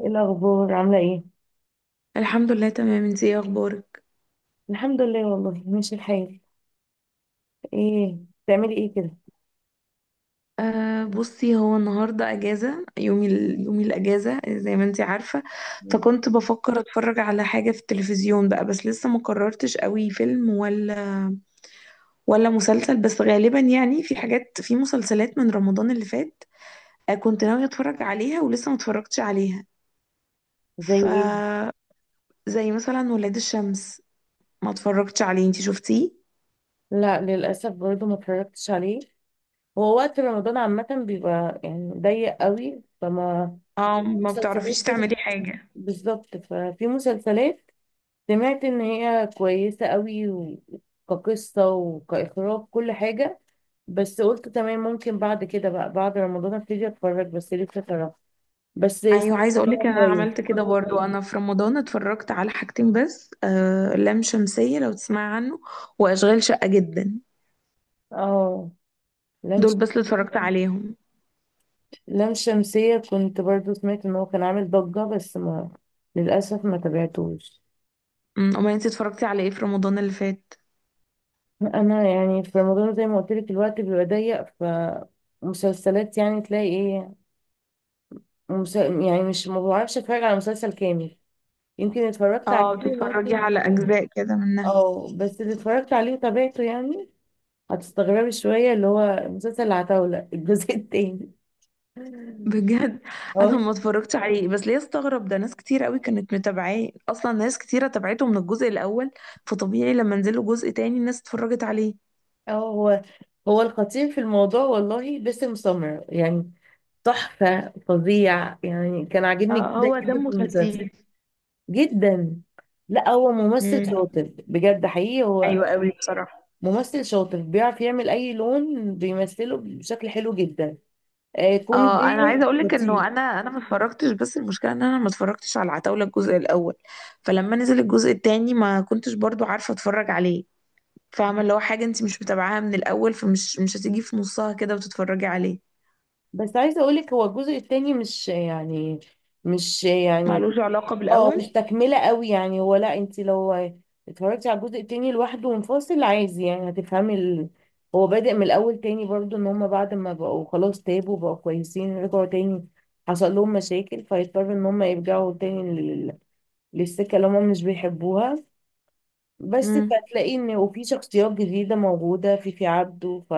ايه الاخبار؟ عامله ايه؟ الحمد لله تمام. انتي ايه اخبارك؟ الحمد لله والله ماشي الحال. ايه؟ بتعملي ايه كده؟ أه بصي، هو النهارده اجازه. يومي الاجازه زي ما انتي عارفه. مم. فكنت بفكر اتفرج على حاجه في التلفزيون بقى، بس لسه ما قررتش قوي، فيلم ولا مسلسل. بس غالبا يعني في حاجات، في مسلسلات من رمضان اللي فات أه كنت ناويه اتفرج عليها ولسه ما اتفرجتش عليها. زي ف ايه؟ زي مثلا ولاد الشمس، ما اتفرجتش عليه، انتي شفتيه؟ لا للاسف برضه ما اتفرجتش عليه. هو وقت رمضان عامه بيبقى يعني ضيق قوي، فما اه، ما مسلسلات بتعرفيش كده. تعملي حاجه. بالظبط، ففي مسلسلات سمعت ان هي كويسه قوي كقصه وكاخراج كل حاجه، بس قلت تمام، ممكن بعد كده بقى، بعد رمضان ابتدي اتفرج، بس لسه صراحه. بس سمعت ايوه، عايزه ان اقولك هو ان انا كويس. عملت كده برضو، انا في رمضان اتفرجت على حاجتين بس، لام شمسيه، لو تسمعي عنه، واشغال شقه جدا. اه، دول لانش. بس اللي اتفرجت عليهم. لام شمسية كنت برضو سمعت ان هو كان عامل ضجة، بس ما، للأسف ما تابعتوش. امال انت اتفرجتي على ايه في رمضان اللي فات؟ انا يعني في رمضان زي ما قلت لك الوقت بيبقى ضيق، فمسلسلات يعني تلاقي ايه؟ يعني مش، ما بعرفش اتفرج على مسلسل كامل. يمكن اتفرجت عليه اه، بتتفرجي ممكن. على اجزاء كده منها. اه، بس اللي اتفرجت عليه وتابعته يعني، هتستغربي شوية، اللي هو مسلسل العتاولة الجزء التاني. بجد؟ انا اه. ما اتفرجتش عليه، بس ليه استغرب ده؟ ناس كتير قوي كانت متابعاه، اصلا ناس كتيره تابعته من الجزء الاول، فطبيعي لما نزلوا جزء تاني الناس اتفرجت عليه. اه، هو الخطير في الموضوع والله باسم سمرة، يعني تحفة فظيع، يعني كان عاجبني آه، جدا هو جدا دمه في المسلسل خفيف. جدا. لا هو ممثل أمم، شاطر بجد، حقيقي هو ايوه قوي بصراحه. ممثل شاطر، بيعرف يعمل أي لون بيمثله بشكل حلو جدا. آه، كوميدي اه، انا عايزه اقول لك لطيف. انه انا ما اتفرجتش، بس المشكله ان انا ما اتفرجتش على العتاوله الجزء الاول، فلما نزل الجزء التاني ما كنتش برضو عارفه اتفرج عليه. فاهمه؟ اللي هو حاجه انت مش متابعاها من الاول، فمش مش هتيجي في نصها كده وتتفرجي عليه. بس عايزة أقولك، هو الجزء التاني مش يعني، مش يعني معلوش علاقه اه بالاول. مش تكملة قوي يعني. هو لا، انت لو اتفرجتي على الجزء التاني لوحده منفصل، عايز يعني، هو بادئ من الاول تاني برضو، ان هما بعد ما بقوا خلاص تابوا بقوا كويسين رجعوا تاني، حصل لهم مشاكل فيضطروا ان هما يرجعوا تاني للسكة اللي هما مش بيحبوها. بس، امم، فتلاقي ان وفي شخصيات جديدة موجودة في عبده.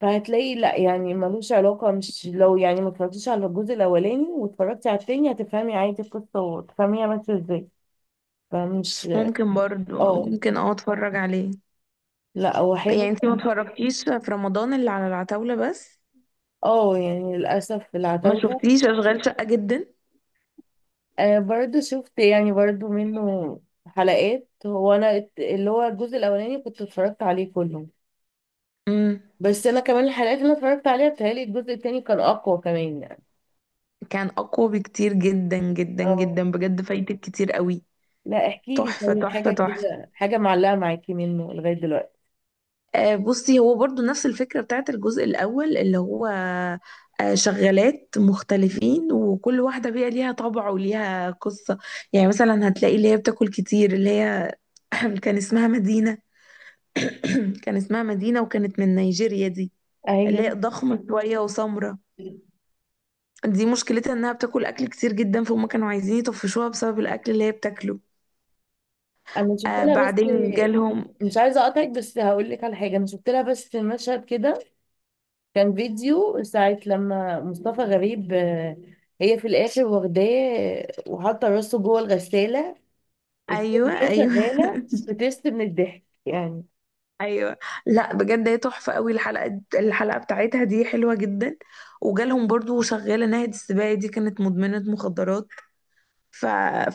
فهتلاقي لا يعني ملوش علاقة. مش لو يعني ما اتفرجتيش على الجزء الاولاني واتفرجتي على التاني هتفهمي عادي القصة وتفهميها ماشية ازاي. فمش. ممكن برضو، اه، ممكن اه اتفرج عليه. لا هو يعني حلو. انت ما اتفرجتيش في رمضان اللي على العتاوله بس؟ اه، يعني للأسف ما العتاولة. شفتيش اشغال شقه جدا؟ آه برضو شفت يعني برضو منه حلقات. هو أنا اللي هو الجزء الأولاني كنت اتفرجت عليه كله. امم. بس أنا كمان الحلقات اللي أنا اتفرجت عليها بتهيألي الجزء التاني كان أقوى كمان يعني. كان اقوى بكتير، جدا جدا اه. جدا بجد، فايتك كتير قوي. لا احكي لي تحفه طيب تحفه حاجة تحفه. كده، حاجة معلقة معاكي منه لغاية دلوقتي. بصي، هو برضو نفس الفكرة بتاعت الجزء الأول، اللي هو آه، شغالات مختلفين، وكل واحدة بقى ليها طبع وليها قصة. يعني مثلا هتلاقي اللي هي بتاكل كتير، اللي هي كان اسمها مدينة، كان اسمها مدينة، وكانت من نيجيريا دي، اللي هي ايوه، ضخمة شوية وسمرة. دي مشكلتها انها بتاكل اكل كتير جدا، فهم كانوا عايزين يطفشوها بسبب الاكل اللي هي بتاكله. أنا شفت آه، لها بس، بعدين جالهم، مش عايزة أقطعك بس هقول لك على حاجة. أنا شفت لها بس مشهد كده، كان فيديو ساعة لما مصطفى غريب هي في الآخر واخداه وحاطة راسه جوه الغسالة وفي ايوه أغنية ايوه. شغالة، بتست من الضحك يعني. ايوه. لا بجد هي تحفه قوي، الحلقه الحلقه بتاعتها دي حلوه جدا. وجالهم برضو شغاله ناهد السباعي، دي كانت مدمنه مخدرات. ف...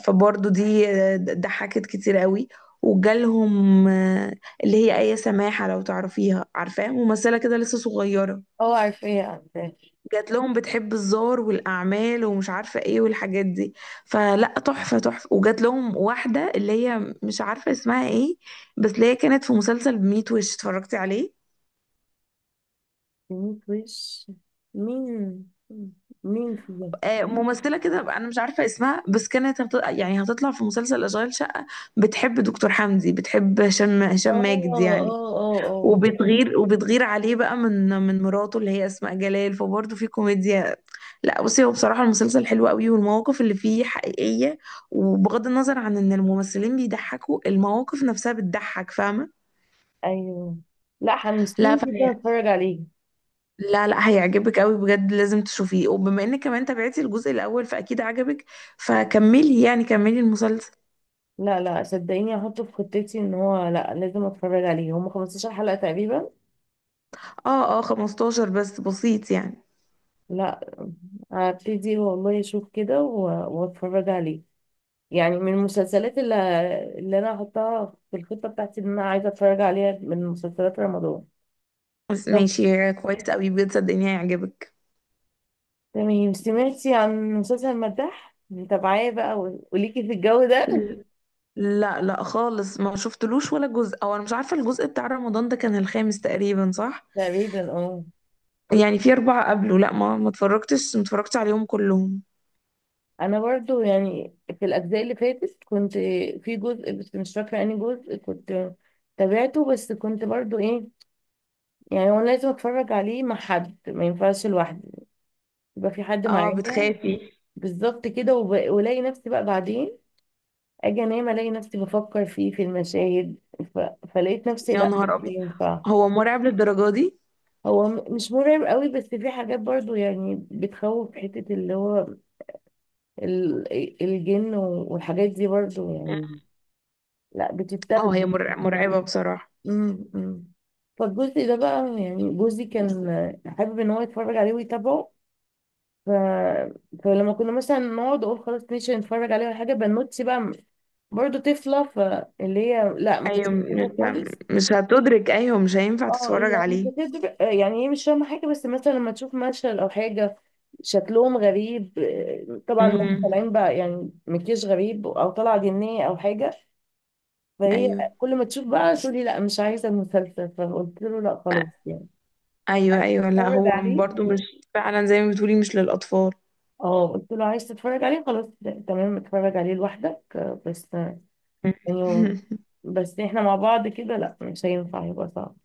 فبرضو دي ضحكت كتير قوي. وجالهم آه، اللي هي آية سماحة، لو تعرفيها، عارفاها، ممثلة كده لسه صغيرة. اه، عارفاها. جات لهم بتحب الزار والأعمال ومش عارفة ايه والحاجات دي. فلا، تحفة تحفة. وجات لهم واحدة اللي هي مش عارفة اسمها ايه، بس اللي هي كانت في مسلسل بميت وش، اتفرجتي عليه؟ مين وش؟ مين؟ مين فيهم؟ آه، ممثلة كده بقى، أنا مش عارفة اسمها، يعني هتطلع في مسلسل أشغال شقة. بتحب دكتور حمدي، بتحب هشام اه ماجد يعني. اه اه. اه، وبتغير، وبتغير عليه بقى من مراته اللي هي أسماء جلال، فبرضه في كوميديا. لا بصي، هو بصراحة المسلسل حلو قوي، والمواقف اللي فيه حقيقية. وبغض النظر عن إن الممثلين بيضحكوا، المواقف نفسها بتضحك، فاهمة؟ ايوه. لا لا حمستيني جدا فهي، اتفرج عليه. لا لا، هيعجبك قوي بجد، لازم تشوفيه. وبما انك كمان تابعتي الجزء الاول فاكيد عجبك، فكملي، يعني كملي المسلسل. لا صدقيني هحطه في خطتي، ان هو لا لازم اتفرج عليه. هم 15 حلقة تقريبا. اه اه، 15 بس، بسيط يعني. لا، هبتدي والله اشوف كده واتفرج عليه. يعني من المسلسلات اللي، اللي انا هحطها في الخطة بتاعتي، ان انا عايزة اتفرج عليها من مسلسلات رمضان. بس طب ماشي، كويس قوي بجد، صدقني هيعجبك. تمام، سمعتي عن مسلسل المداح؟ متابعاه بقى وليكي في الجو ده؟ ل- لا لا خالص، ما شفتلوش ولا جزء، او انا مش عارفه، الجزء بتاع رمضان ده كان الخامس تقريبا، صح؟ تقريبا اه. يعني في اربعه قبله. لا، ما اتفرجتش، ما اتفرجتش عليهم كلهم. انا برضو يعني في الاجزاء اللي فاتت كنت، في جزء بس مش فاكره اني جزء كنت تابعته، بس كنت برضو ايه، يعني هو لازم اتفرج عليه مع حد، ما ينفعش لوحدي، يبقى في حد اه، معايا. بتخافي؟ بالظبط كده، والاقي نفسي بقى بعدين، اجي انام الاقي نفسي بفكر فيه في المشاهد، ف... فلقيت نفسي يا لا مش نهار ابيض، ينفع. هو مرعب للدرجه دي؟ هو مش مرعب قوي، بس في حاجات برضو يعني بتخوف، حتة اللي هو ال... الجن والحاجات دي برضو يعني، لا اه، بتتاخد. مرعبه بصراحه. م- م. فالجزء ده بقى، يعني جوزي كان حابب ان هو يتفرج عليه ويتابعه. ف... فلما كنا مثلا نقعد اقول خلاص ماشي نتفرج عليه ولا حاجه، بنوتي بقى برضه طفله، فاللي هي لا ما كانتش ايوه، مش بتحبه خالص. مش هتدرك، ايوه مش هينفع اه تتفرج يعني، عليه. يعني هي مش فاهمه حاجه، بس مثلا لما تشوف مشهد او حاجه شكلهم غريب، آه، طبعا هم امم. طالعين بقى يعني مكياج غريب او طالعه جنيه او حاجه. فهي ايوه كل ما تشوف بقى تقولي لا مش عايزه المسلسل. فقلت له لا خلاص يعني، ايوه. عايز ايوه لا، تتفرج هو عليه. برضو، مش فعلا، زي ما بتقولي، مش للاطفال. اه قلت له عايز تتفرج عليه خلاص، لا، تمام اتفرج عليه لوحدك، آه، بس إنه، بس إحنا مع بعض كده لأ مش هينفع، يبقى صعب.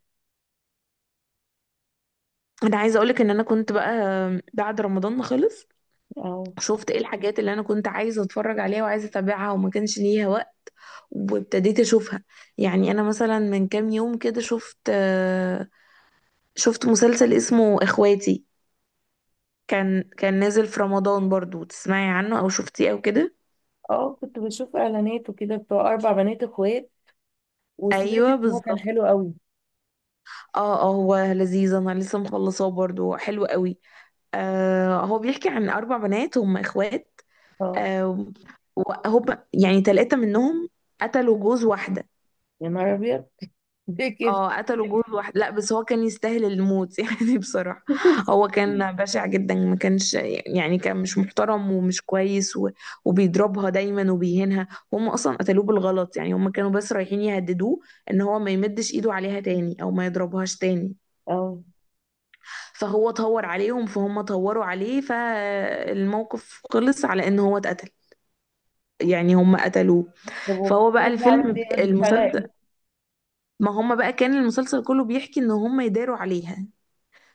انا عايزه اقولك ان انا كنت بقى بعد رمضان ما خلص أه. شفت ايه الحاجات اللي انا كنت عايزه اتفرج عليها وعايزه اتابعها وما كانش ليها وقت، وابتديت اشوفها. يعني انا مثلا من كام يوم كده شفت مسلسل اسمه اخواتي، كان نازل في رمضان برضو، تسمعي عنه او شفتيه او كده؟ أه، كنت بشوف إعلانات وكده بتوع أربع بنات إخوات، وسمعت ايوه إن هو كان بالظبط. حلو قوي. اه اه، هو لذيذ، انا لسه مخلصاه، برضو حلو قوي. آه هو بيحكي عن أربع بنات هم إخوات. أه. آه، وهم يعني تلاتة منهم قتلوا جوز واحدة. يا نهار أبيض، ليه كده؟ اه، قتلوا جوز واحدة، لا بس هو كان يستاهل الموت يعني بصراحة. هو كان بشع جدا، ما كانش، يعني كان مش محترم ومش كويس و... وبيضربها دايما وبيهينها. هم أصلا قتلوه بالغلط، يعني هم كانوا بس رايحين يهددوه إن هو ما يمدش إيده عليها تاني أو ما يضربهاش تاني. أه. فهو طور عليهم فهم طوروا عليه، فالموقف خلص على ان هو اتقتل، يعني هم قتلوه. طب فهو بقى وكنت بعمل الفيلم إيه؟ رد فعلها إيه؟ المسلسل، ما هم بقى كان المسلسل كله بيحكي ان هم يداروا عليها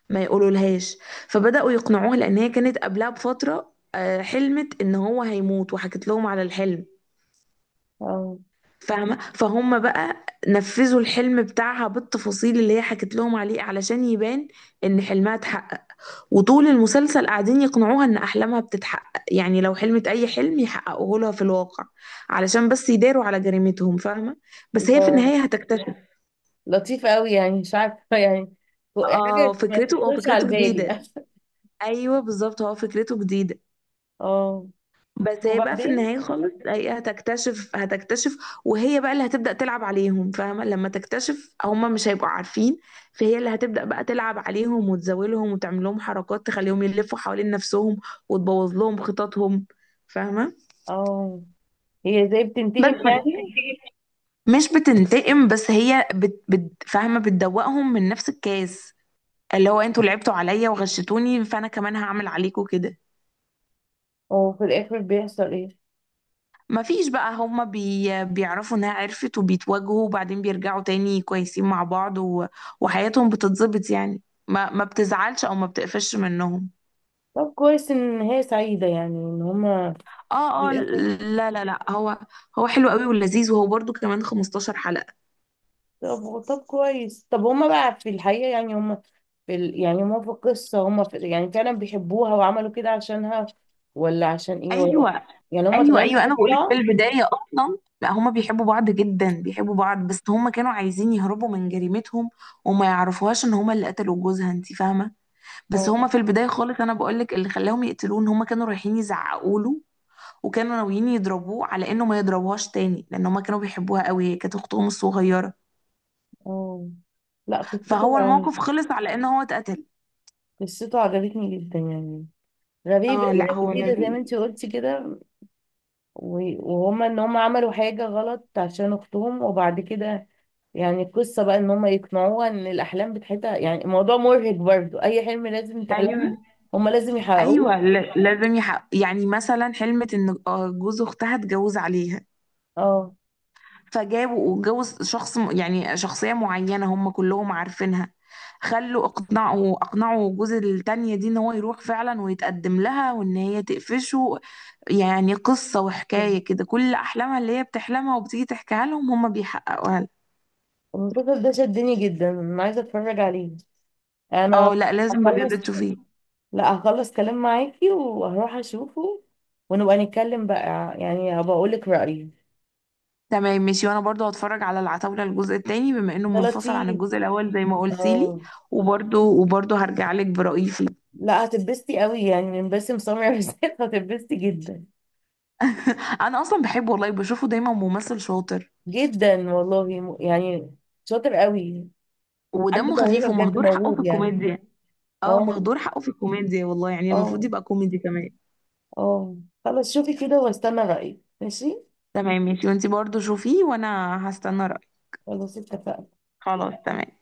ما يقولوا لهاش. فبدأوا يقنعوها، لان هي كانت قبلها بفترة حلمت ان هو هيموت وحكت لهم على الحلم، أه. فاهمة؟ فهم بقى نفذوا الحلم بتاعها بالتفاصيل اللي هي حكت لهم عليه علشان يبان ان حلمها اتحقق. وطول المسلسل قاعدين يقنعوها ان احلامها بتتحقق، يعني لو حلمت اي حلم يحققوه لها في الواقع، علشان بس يداروا على جريمتهم، فاهمه. بس هي ده في النهايه هتكتشف. لطيف قوي يعني، مش عارفة يعني، اه حاجة ما فكرته، هو تخطرش على فكرته البال جديده. يعني. ايوه بالظبط، هو فكرته جديده. أه. بس هي بقى في وبعدين؟ النهايه خالص هي هتكتشف، هتكتشف. وهي بقى اللي هتبدا تلعب عليهم، فاهمه؟ لما تكتشف هم مش هيبقوا عارفين، فهي اللي هتبدا بقى تلعب عليهم وتزاولهم وتعمل لهم حركات تخليهم يلفوا حوالين نفسهم وتبوظ لهم خططهم، فاهمه؟ أه. هي زي بس بتنتقم بس يعني. مش بتنتقم بس، هي بت فاهمه، بتدوقهم من نفس الكاس، اللي هو انتوا لعبتوا عليا وغشتوني، فانا كمان هعمل عليكم كده. وفي الآخر بيحصل إيه؟ مفيش بقى، هما بيعرفوا انها عرفت وبيتواجهوا، وبعدين بيرجعوا تاني كويسين مع بعض و... وحياتهم بتتظبط يعني، ما بتزعلش او ما بتقفش منهم. طب كويس ان هي سعيدة يعني، ان هما في اه اه الاخر. لا لا لا، هو هو حلو قوي ولذيذ، وهو برضو كمان 15 حلقة. طب، طب كويس هما بقى في الحقيقة يعني، هما يعني هما في القصة هما في... يعني فعلا بيحبوها وعملوا كده عشانها، ولا عشان ايه ولا... ايوه يعني هما ايوه. طالعين ايوه انا بيحبوا بقولك، في بعض. البدايه اصلا لا، هما بيحبوا بعض جدا، بيحبوا بعض، بس هما كانوا عايزين يهربوا من جريمتهم وما يعرفوهاش ان هما اللي قتلوا جوزها، انت فاهمه؟ بس اه هما في البدايه خالص، انا بقولك اللي خلاهم يقتلوه، ان هما كانوا رايحين يزعقوا له، وكانوا ناويين يضربوه على انه ما يضربوهاش تاني، لان هما كانوا بيحبوها قوي، هي كانت اختهم الصغيره. اه. لا فهو قصته، الموقف خلص على ان هو اتقتل. قصته عجبتني جدا يعني. غريبة، اه يعني لا هو جديدة زي ما لذيذ. انتي قلتي كده. وهما ان هما عملوا حاجة غلط عشان اختهم، وبعد كده يعني القصة بقى ان هم يقنعوها ان الاحلام بتاعتها، يعني الموضوع مرهق برضو، اي حلم لازم تحلمه ايوه هم لازم يحققوه. ايوه. لازم يحق، يعني مثلا حلمت ان جوز اختها اتجوز عليها. اه. فجابوا واتجوز يعني شخصية معينة هم كلهم عارفينها، خلوا، اقنعوا جوز التانية دي ان هو يروح فعلا ويتقدم لها وان هي تقفشه. يعني قصة وحكاية كده، كل احلامها اللي هي بتحلمها وبتيجي تحكيها لهم هم بيحققوها لها. المسلسل ده شدني جدا، انا عايزة اتفرج عليه. انا اه، لا لازم بجد هخلص، تشوفيه. لا هخلص كلام معاكي وهروح اشوفه، ونبقى نتكلم بقى، يعني هبقى اقولك رأيي. تمام ماشي، وانا برضو هتفرج على العتاولة الجزء التاني، بما انه ده منفصل عن لطيف. الجزء الاول زي ما قلتي لي. اه. وبرضو هرجع لك برأيي فيه. لا هتتبسطي قوي يعني، من باسم سمرة بالذات هتتبسطي جدا. انا اصلا بحبه والله، بشوفه دايما، ممثل شاطر جدا والله يعني، شاطر قوي، عنده ودمه موهبة خفيف بجد، ومهدور حقه في موهوب يعني. الكوميديا. اه، اه مهدور حقه في الكوميديا والله، يعني المفروض اه يبقى كوميدي كمان. اه. خلاص شوفي كده واستنى رأيك، ماشي؟ تمام ماشي، وانتي برضو شوفيه، وانا هستنى رأيك. خلاص اتفقنا. خلاص تمام.